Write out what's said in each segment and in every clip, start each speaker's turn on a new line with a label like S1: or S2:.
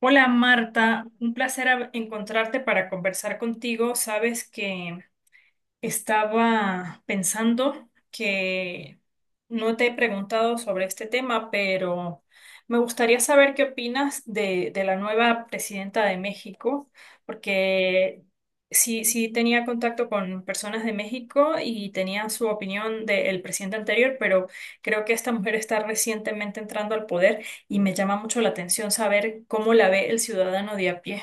S1: Hola Marta, un placer encontrarte para conversar contigo. Sabes que estaba pensando que no te he preguntado sobre este tema, pero me gustaría saber qué opinas de la nueva presidenta de México, porque sí, sí tenía contacto con personas de México y tenían su opinión del presidente anterior, pero creo que esta mujer está recientemente entrando al poder y me llama mucho la atención saber cómo la ve el ciudadano de a pie.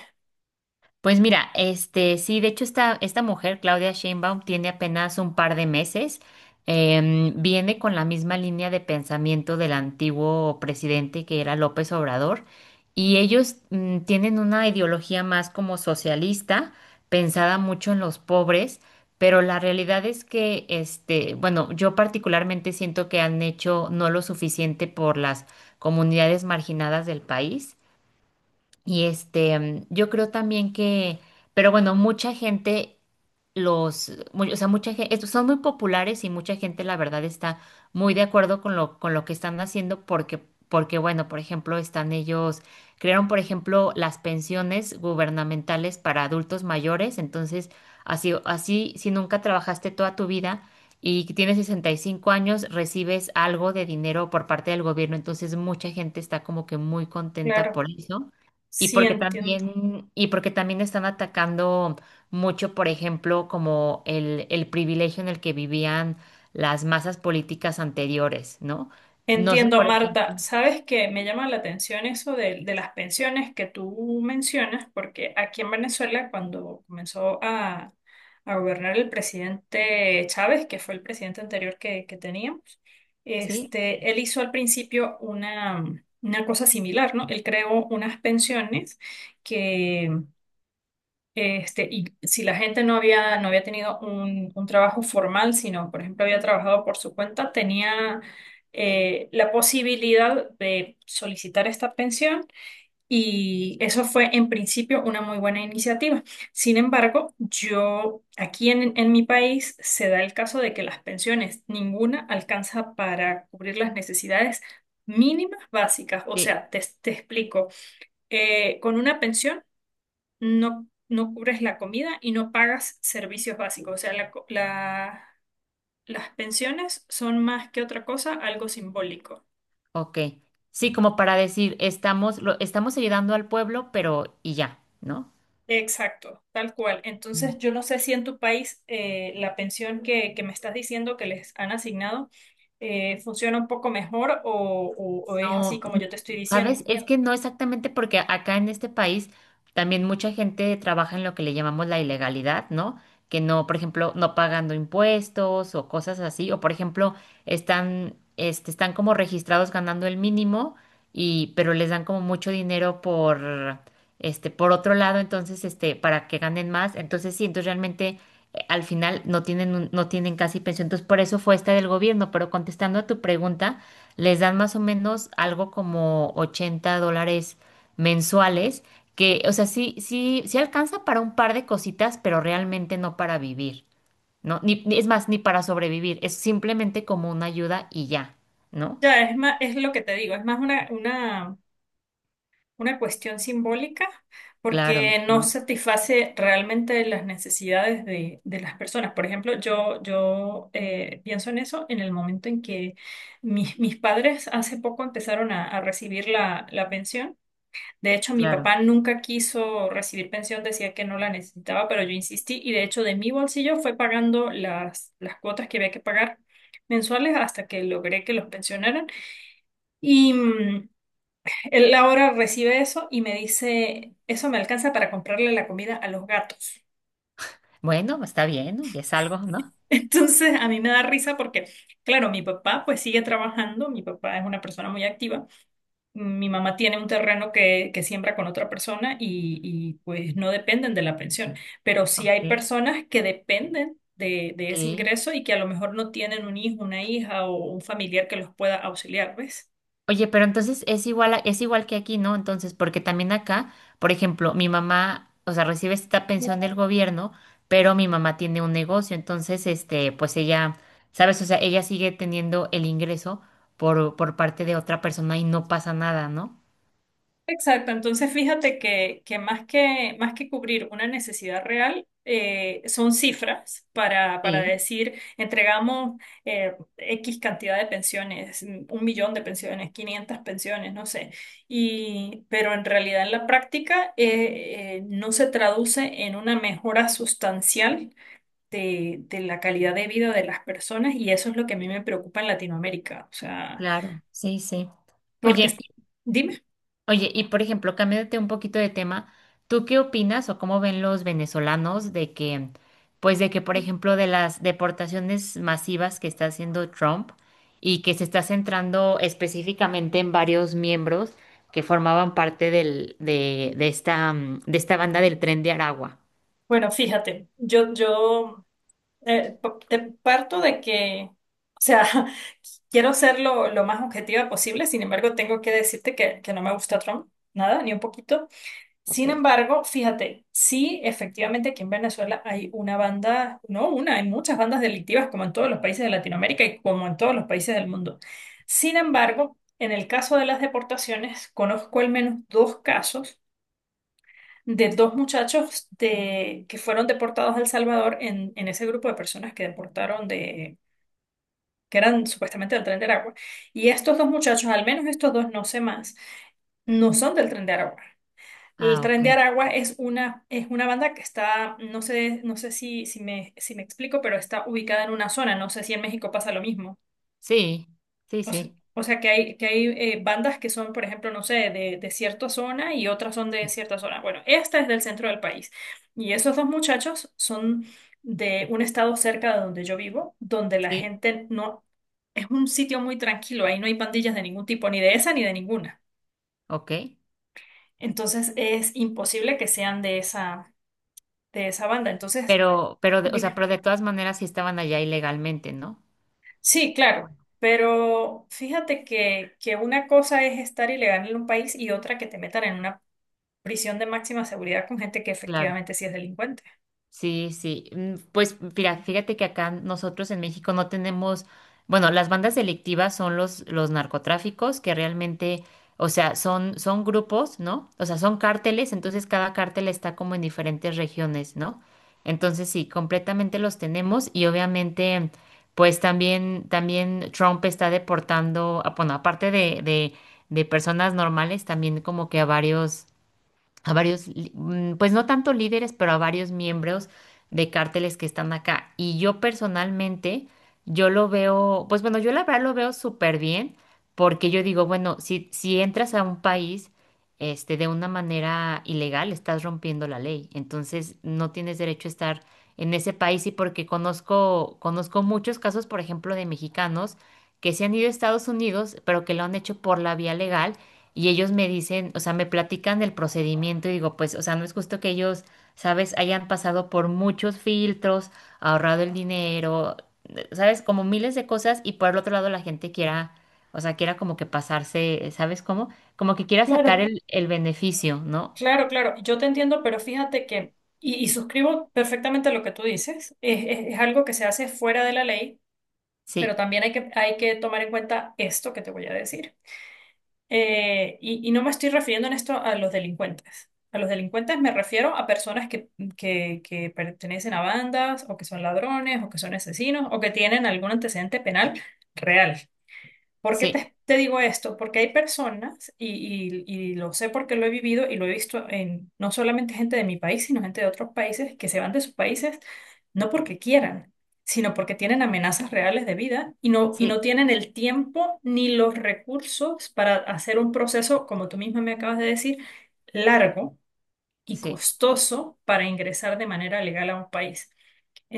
S2: Pues mira, sí, de hecho esta mujer, Claudia Sheinbaum, tiene apenas un par de meses, viene con la misma línea de pensamiento del antiguo presidente que era López Obrador, y ellos tienen una ideología más como socialista, pensada mucho en los pobres, pero la realidad es que, bueno, yo particularmente siento que han hecho no lo suficiente por las comunidades marginadas del país. Yo creo también que, pero bueno, mucha gente o sea, mucha gente, son muy populares y mucha gente, la verdad, está muy de acuerdo con lo que están haciendo porque, bueno, por ejemplo, están ellos, crearon, por ejemplo, las pensiones gubernamentales para adultos mayores, entonces, así, así, si nunca trabajaste toda tu vida y que tienes 65 años, recibes algo de dinero por parte del gobierno, entonces mucha gente está como que muy contenta
S1: Claro,
S2: por eso. Y
S1: sí
S2: porque
S1: entiendo.
S2: también, y porque también están atacando mucho, por ejemplo, como el privilegio en el que vivían las masas políticas anteriores, ¿no? No sé,
S1: Entiendo,
S2: por
S1: Marta.
S2: ejemplo,
S1: Sabes que me llama la atención eso de las pensiones que tú mencionas, porque aquí en Venezuela, cuando comenzó a gobernar el presidente Chávez, que fue el presidente anterior que teníamos,
S2: ¿sí?
S1: este, él hizo al principio una cosa similar, ¿no? Él creó unas pensiones, este, y si la gente no había, no había tenido un trabajo formal, sino, por ejemplo, había trabajado por su cuenta, tenía la posibilidad de solicitar esta pensión y eso fue en principio una muy buena iniciativa. Sin embargo, yo aquí en mi país se da el caso de que las pensiones, ninguna alcanza para cubrir las necesidades mínimas básicas. O
S2: Sí,
S1: sea, te explico. Con una pensión no, no cubres la comida y no pagas servicios básicos. O sea, las pensiones son más que otra cosa, algo simbólico.
S2: ok. Sí, como para decir, estamos ayudando al pueblo, pero y ya, ¿no?
S1: Exacto, tal cual. Entonces, yo no sé si en tu país la pensión que me estás diciendo que les han asignado, funciona un poco mejor o, o es así
S2: No,
S1: como yo te estoy
S2: ¿sabes?
S1: diciendo.
S2: Es que no exactamente porque acá en este país también mucha gente trabaja en lo que le llamamos la ilegalidad, ¿no? Que no, por ejemplo, no pagando impuestos o cosas así, o por ejemplo, están como registrados ganando el mínimo y, pero les dan como mucho dinero por otro lado, entonces, para que ganen más. Entonces, sí, entonces realmente al final no tienen casi pensión. Entonces, por eso fue esta del gobierno, pero contestando a tu pregunta les dan más o menos algo como 80 dólares mensuales, que, o sea, sí, sí, sí alcanza para un par de cositas, pero realmente no para vivir, ¿no? Es más, ni para sobrevivir, es simplemente como una ayuda y ya, ¿no?
S1: Ya, es más, es lo que te digo, es más una cuestión simbólica
S2: Claro,
S1: porque no
S2: ¿no?
S1: satisface realmente las necesidades de las personas. Por ejemplo, yo pienso en eso en el momento en que mis padres hace poco empezaron a recibir la pensión. De hecho, mi
S2: Claro.
S1: papá nunca quiso recibir pensión, decía que no la necesitaba, pero yo insistí y de hecho de mi bolsillo fue pagando las cuotas que había que pagar mensuales hasta que logré que los pensionaran. Y, él ahora recibe eso y me dice, eso me alcanza para comprarle la comida a los gatos.
S2: Bueno, está bien, ¿no? Y es algo, ¿no?
S1: Entonces a mí me da risa porque, claro, mi papá pues sigue trabajando, mi papá es una persona muy activa, mi mamá tiene un terreno que siembra con otra persona y, pues no dependen de la pensión, pero sí hay
S2: Ok.
S1: personas que dependen de ese
S2: Ok.
S1: ingreso y que a lo mejor no tienen un hijo, una hija o un familiar que los pueda auxiliar, ¿ves?
S2: Oye, pero entonces es igual que aquí, ¿no? Entonces, porque también acá, por ejemplo, mi mamá, o sea, recibe esta pensión del gobierno, pero mi mamá tiene un negocio, entonces, pues ella, ¿sabes? O sea, ella sigue teniendo el ingreso por parte de otra persona y no pasa nada, ¿no?
S1: Exacto, entonces fíjate que más más que cubrir una necesidad real, son cifras para
S2: Sí.
S1: decir, entregamos X cantidad de pensiones, mm, 1.000.000 de pensiones, 500 pensiones, no sé. Y, pero en realidad en la práctica no se traduce en una mejora sustancial de la calidad de vida de las personas y eso es lo que a mí me preocupa en Latinoamérica. O sea,
S2: Claro, sí, sí.
S1: porque,
S2: Oye,
S1: dime.
S2: Oye, y por ejemplo, cambiándote un poquito de tema, ¿tú qué opinas o cómo ven los venezolanos de que, pues de que, por ejemplo, de las deportaciones masivas que está haciendo Trump y que se está centrando específicamente en varios miembros que formaban parte de esta banda del Tren de Aragua?
S1: Bueno, fíjate, te parto de que, o sea, quiero ser lo más objetiva posible, sin embargo, tengo que decirte que no me gusta Trump, nada, ni un poquito.
S2: ¿Ok?
S1: Sin embargo, fíjate, sí, efectivamente aquí en Venezuela hay una banda, no una, hay muchas bandas delictivas como en todos los países de Latinoamérica y como en todos los países del mundo. Sin embargo, en el caso de las deportaciones, conozco al menos dos casos de dos muchachos que fueron deportados a El Salvador en ese grupo de personas que deportaron que eran supuestamente del Tren de Aragua. Y estos dos muchachos, al menos estos dos, no sé más, no son del Tren de Aragua. El
S2: Ah, ok.
S1: Tren de Aragua es una banda que está, no sé, no sé si me explico, pero está ubicada en una zona. No sé si en México pasa lo mismo.
S2: Sí, sí,
S1: O sea,
S2: sí.
S1: o sea que hay bandas que son, por ejemplo, no sé, de cierta zona y otras son de
S2: Sí,
S1: cierta zona. Bueno, esta es del centro del país. Y esos dos muchachos son de un estado cerca de donde yo vivo, donde la
S2: sí,
S1: gente no... Es un sitio muy tranquilo, ahí no hay pandillas de ningún tipo, ni de esa ni de ninguna.
S2: ok.
S1: Entonces es imposible que sean de esa banda. Entonces,
S2: Pero, o sea,
S1: dime.
S2: pero de todas maneras sí estaban allá ilegalmente, ¿no?
S1: Sí, claro.
S2: Bueno.
S1: Pero fíjate que una cosa es estar ilegal en un país y otra que te metan en una prisión de máxima seguridad con gente que
S2: Claro.
S1: efectivamente sí es delincuente.
S2: Sí, sí. Pues mira, fíjate que acá nosotros en México no tenemos, bueno, las bandas delictivas son los narcotráficos que realmente, o sea, son, son grupos, ¿no? O sea, son cárteles, entonces cada cártel está como en diferentes regiones, ¿no? Entonces sí, completamente los tenemos y obviamente, pues también, también Trump está deportando, ah, bueno, aparte de personas normales, también como que a varios a varios, pues no tanto líderes, pero a varios miembros de cárteles que están acá. Y yo personalmente, yo lo veo, pues bueno, yo la verdad lo veo súper bien, porque yo digo, bueno, si entras a un país, de una manera ilegal, estás rompiendo la ley. Entonces, no tienes derecho a estar en ese país y porque conozco muchos casos, por ejemplo, de mexicanos que se han ido a Estados Unidos, pero que lo han hecho por la vía legal y ellos me dicen, o sea, me platican del procedimiento y digo, pues, o sea, no es justo que ellos, sabes, hayan pasado por muchos filtros, ahorrado el dinero, sabes, como miles de cosas y por el otro lado la gente quiera, o sea, quiera como que pasarse, ¿sabes cómo? Como que quiera sacar
S1: Claro.
S2: el beneficio, ¿no?
S1: Claro, claro, yo te entiendo, pero fíjate que, y suscribo perfectamente lo que tú dices, es algo que se hace fuera de la ley, pero
S2: Sí,
S1: también hay hay que tomar en cuenta esto que te voy a decir. Y no me estoy refiriendo en esto a los delincuentes. A los delincuentes me refiero a personas que pertenecen a bandas, o que son ladrones, o que son asesinos, o que tienen algún antecedente penal real. ¿Por qué
S2: sí,
S1: te digo esto? Porque hay personas, y lo sé porque lo he vivido y lo he visto en no solamente gente de mi país, sino gente de otros países que se van de sus países no porque quieran, sino porque tienen amenazas reales de vida y no
S2: sí,
S1: tienen el tiempo ni los recursos para hacer un proceso, como tú misma me acabas de decir, largo y
S2: sí,
S1: costoso para ingresar de manera legal a un país.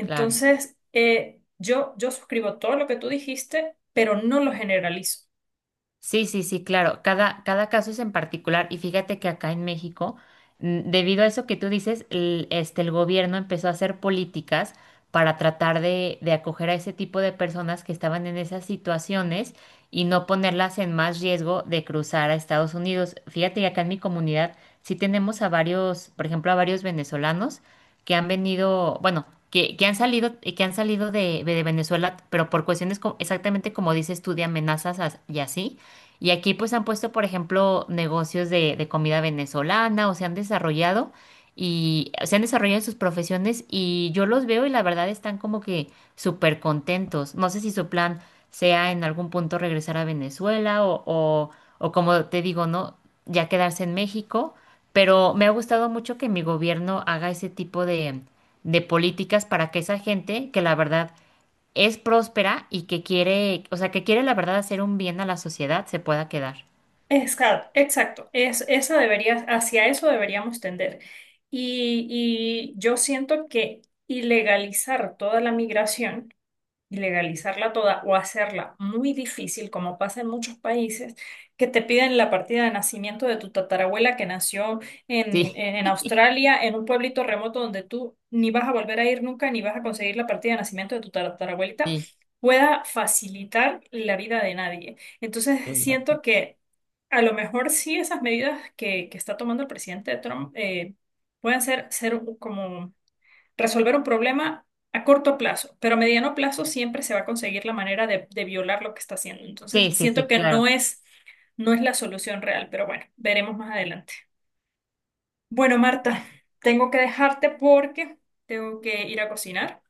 S2: claro.
S1: yo suscribo todo lo que tú dijiste, pero no lo generalizo.
S2: Sí, sí, sí, claro. Cada caso es en particular. Y fíjate que acá en México, debido a eso que tú dices, el gobierno empezó a hacer políticas para tratar de acoger a ese tipo de personas que estaban en esas situaciones y no ponerlas en más riesgo de cruzar a Estados Unidos. Fíjate que acá en mi comunidad sí tenemos a varios, por ejemplo, a varios venezolanos que han venido, bueno, que han salido de Venezuela, pero por cuestiones exactamente como dices tú, de amenazas y así. Y aquí pues han puesto, por ejemplo, negocios de comida venezolana o se han desarrollado en sus profesiones y yo los veo y la verdad están como que súper contentos. No sé si su plan sea en algún punto regresar a Venezuela o como te digo, ¿no? Ya quedarse en México, pero me ha gustado mucho que mi gobierno haga ese tipo de políticas para que esa gente, que la verdad es próspera y que quiere, o sea, que quiere la verdad hacer un bien a la sociedad, se pueda quedar.
S1: Exacto, exacto. Esa debería, hacia eso deberíamos tender. Y yo siento que ilegalizar toda la migración y legalizarla toda o hacerla muy difícil, como pasa en muchos países, que te piden la partida de nacimiento de tu tatarabuela que nació
S2: Sí,
S1: en Australia, en un pueblito remoto donde tú ni vas a volver a ir nunca, ni vas a conseguir la partida de nacimiento de tu tatarabuelita,
S2: sí,
S1: pueda facilitar la vida de nadie. Entonces,
S2: sí,
S1: siento que a lo mejor sí esas medidas que está tomando el presidente Trump, pueden ser como resolver un problema a corto plazo, pero a mediano plazo siempre se va a conseguir la manera de violar lo que está haciendo. Entonces,
S2: sí, sí,
S1: siento
S2: sí,
S1: que
S2: claro.
S1: no es, no es la solución real, pero bueno, veremos más adelante. Bueno, Marta, tengo que dejarte porque tengo que ir a cocinar.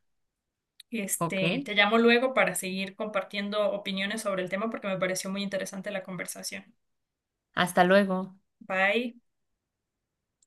S2: Ok,
S1: Este, te llamo luego para seguir compartiendo opiniones sobre el tema porque me pareció muy interesante la conversación.
S2: hasta luego.
S1: Bye.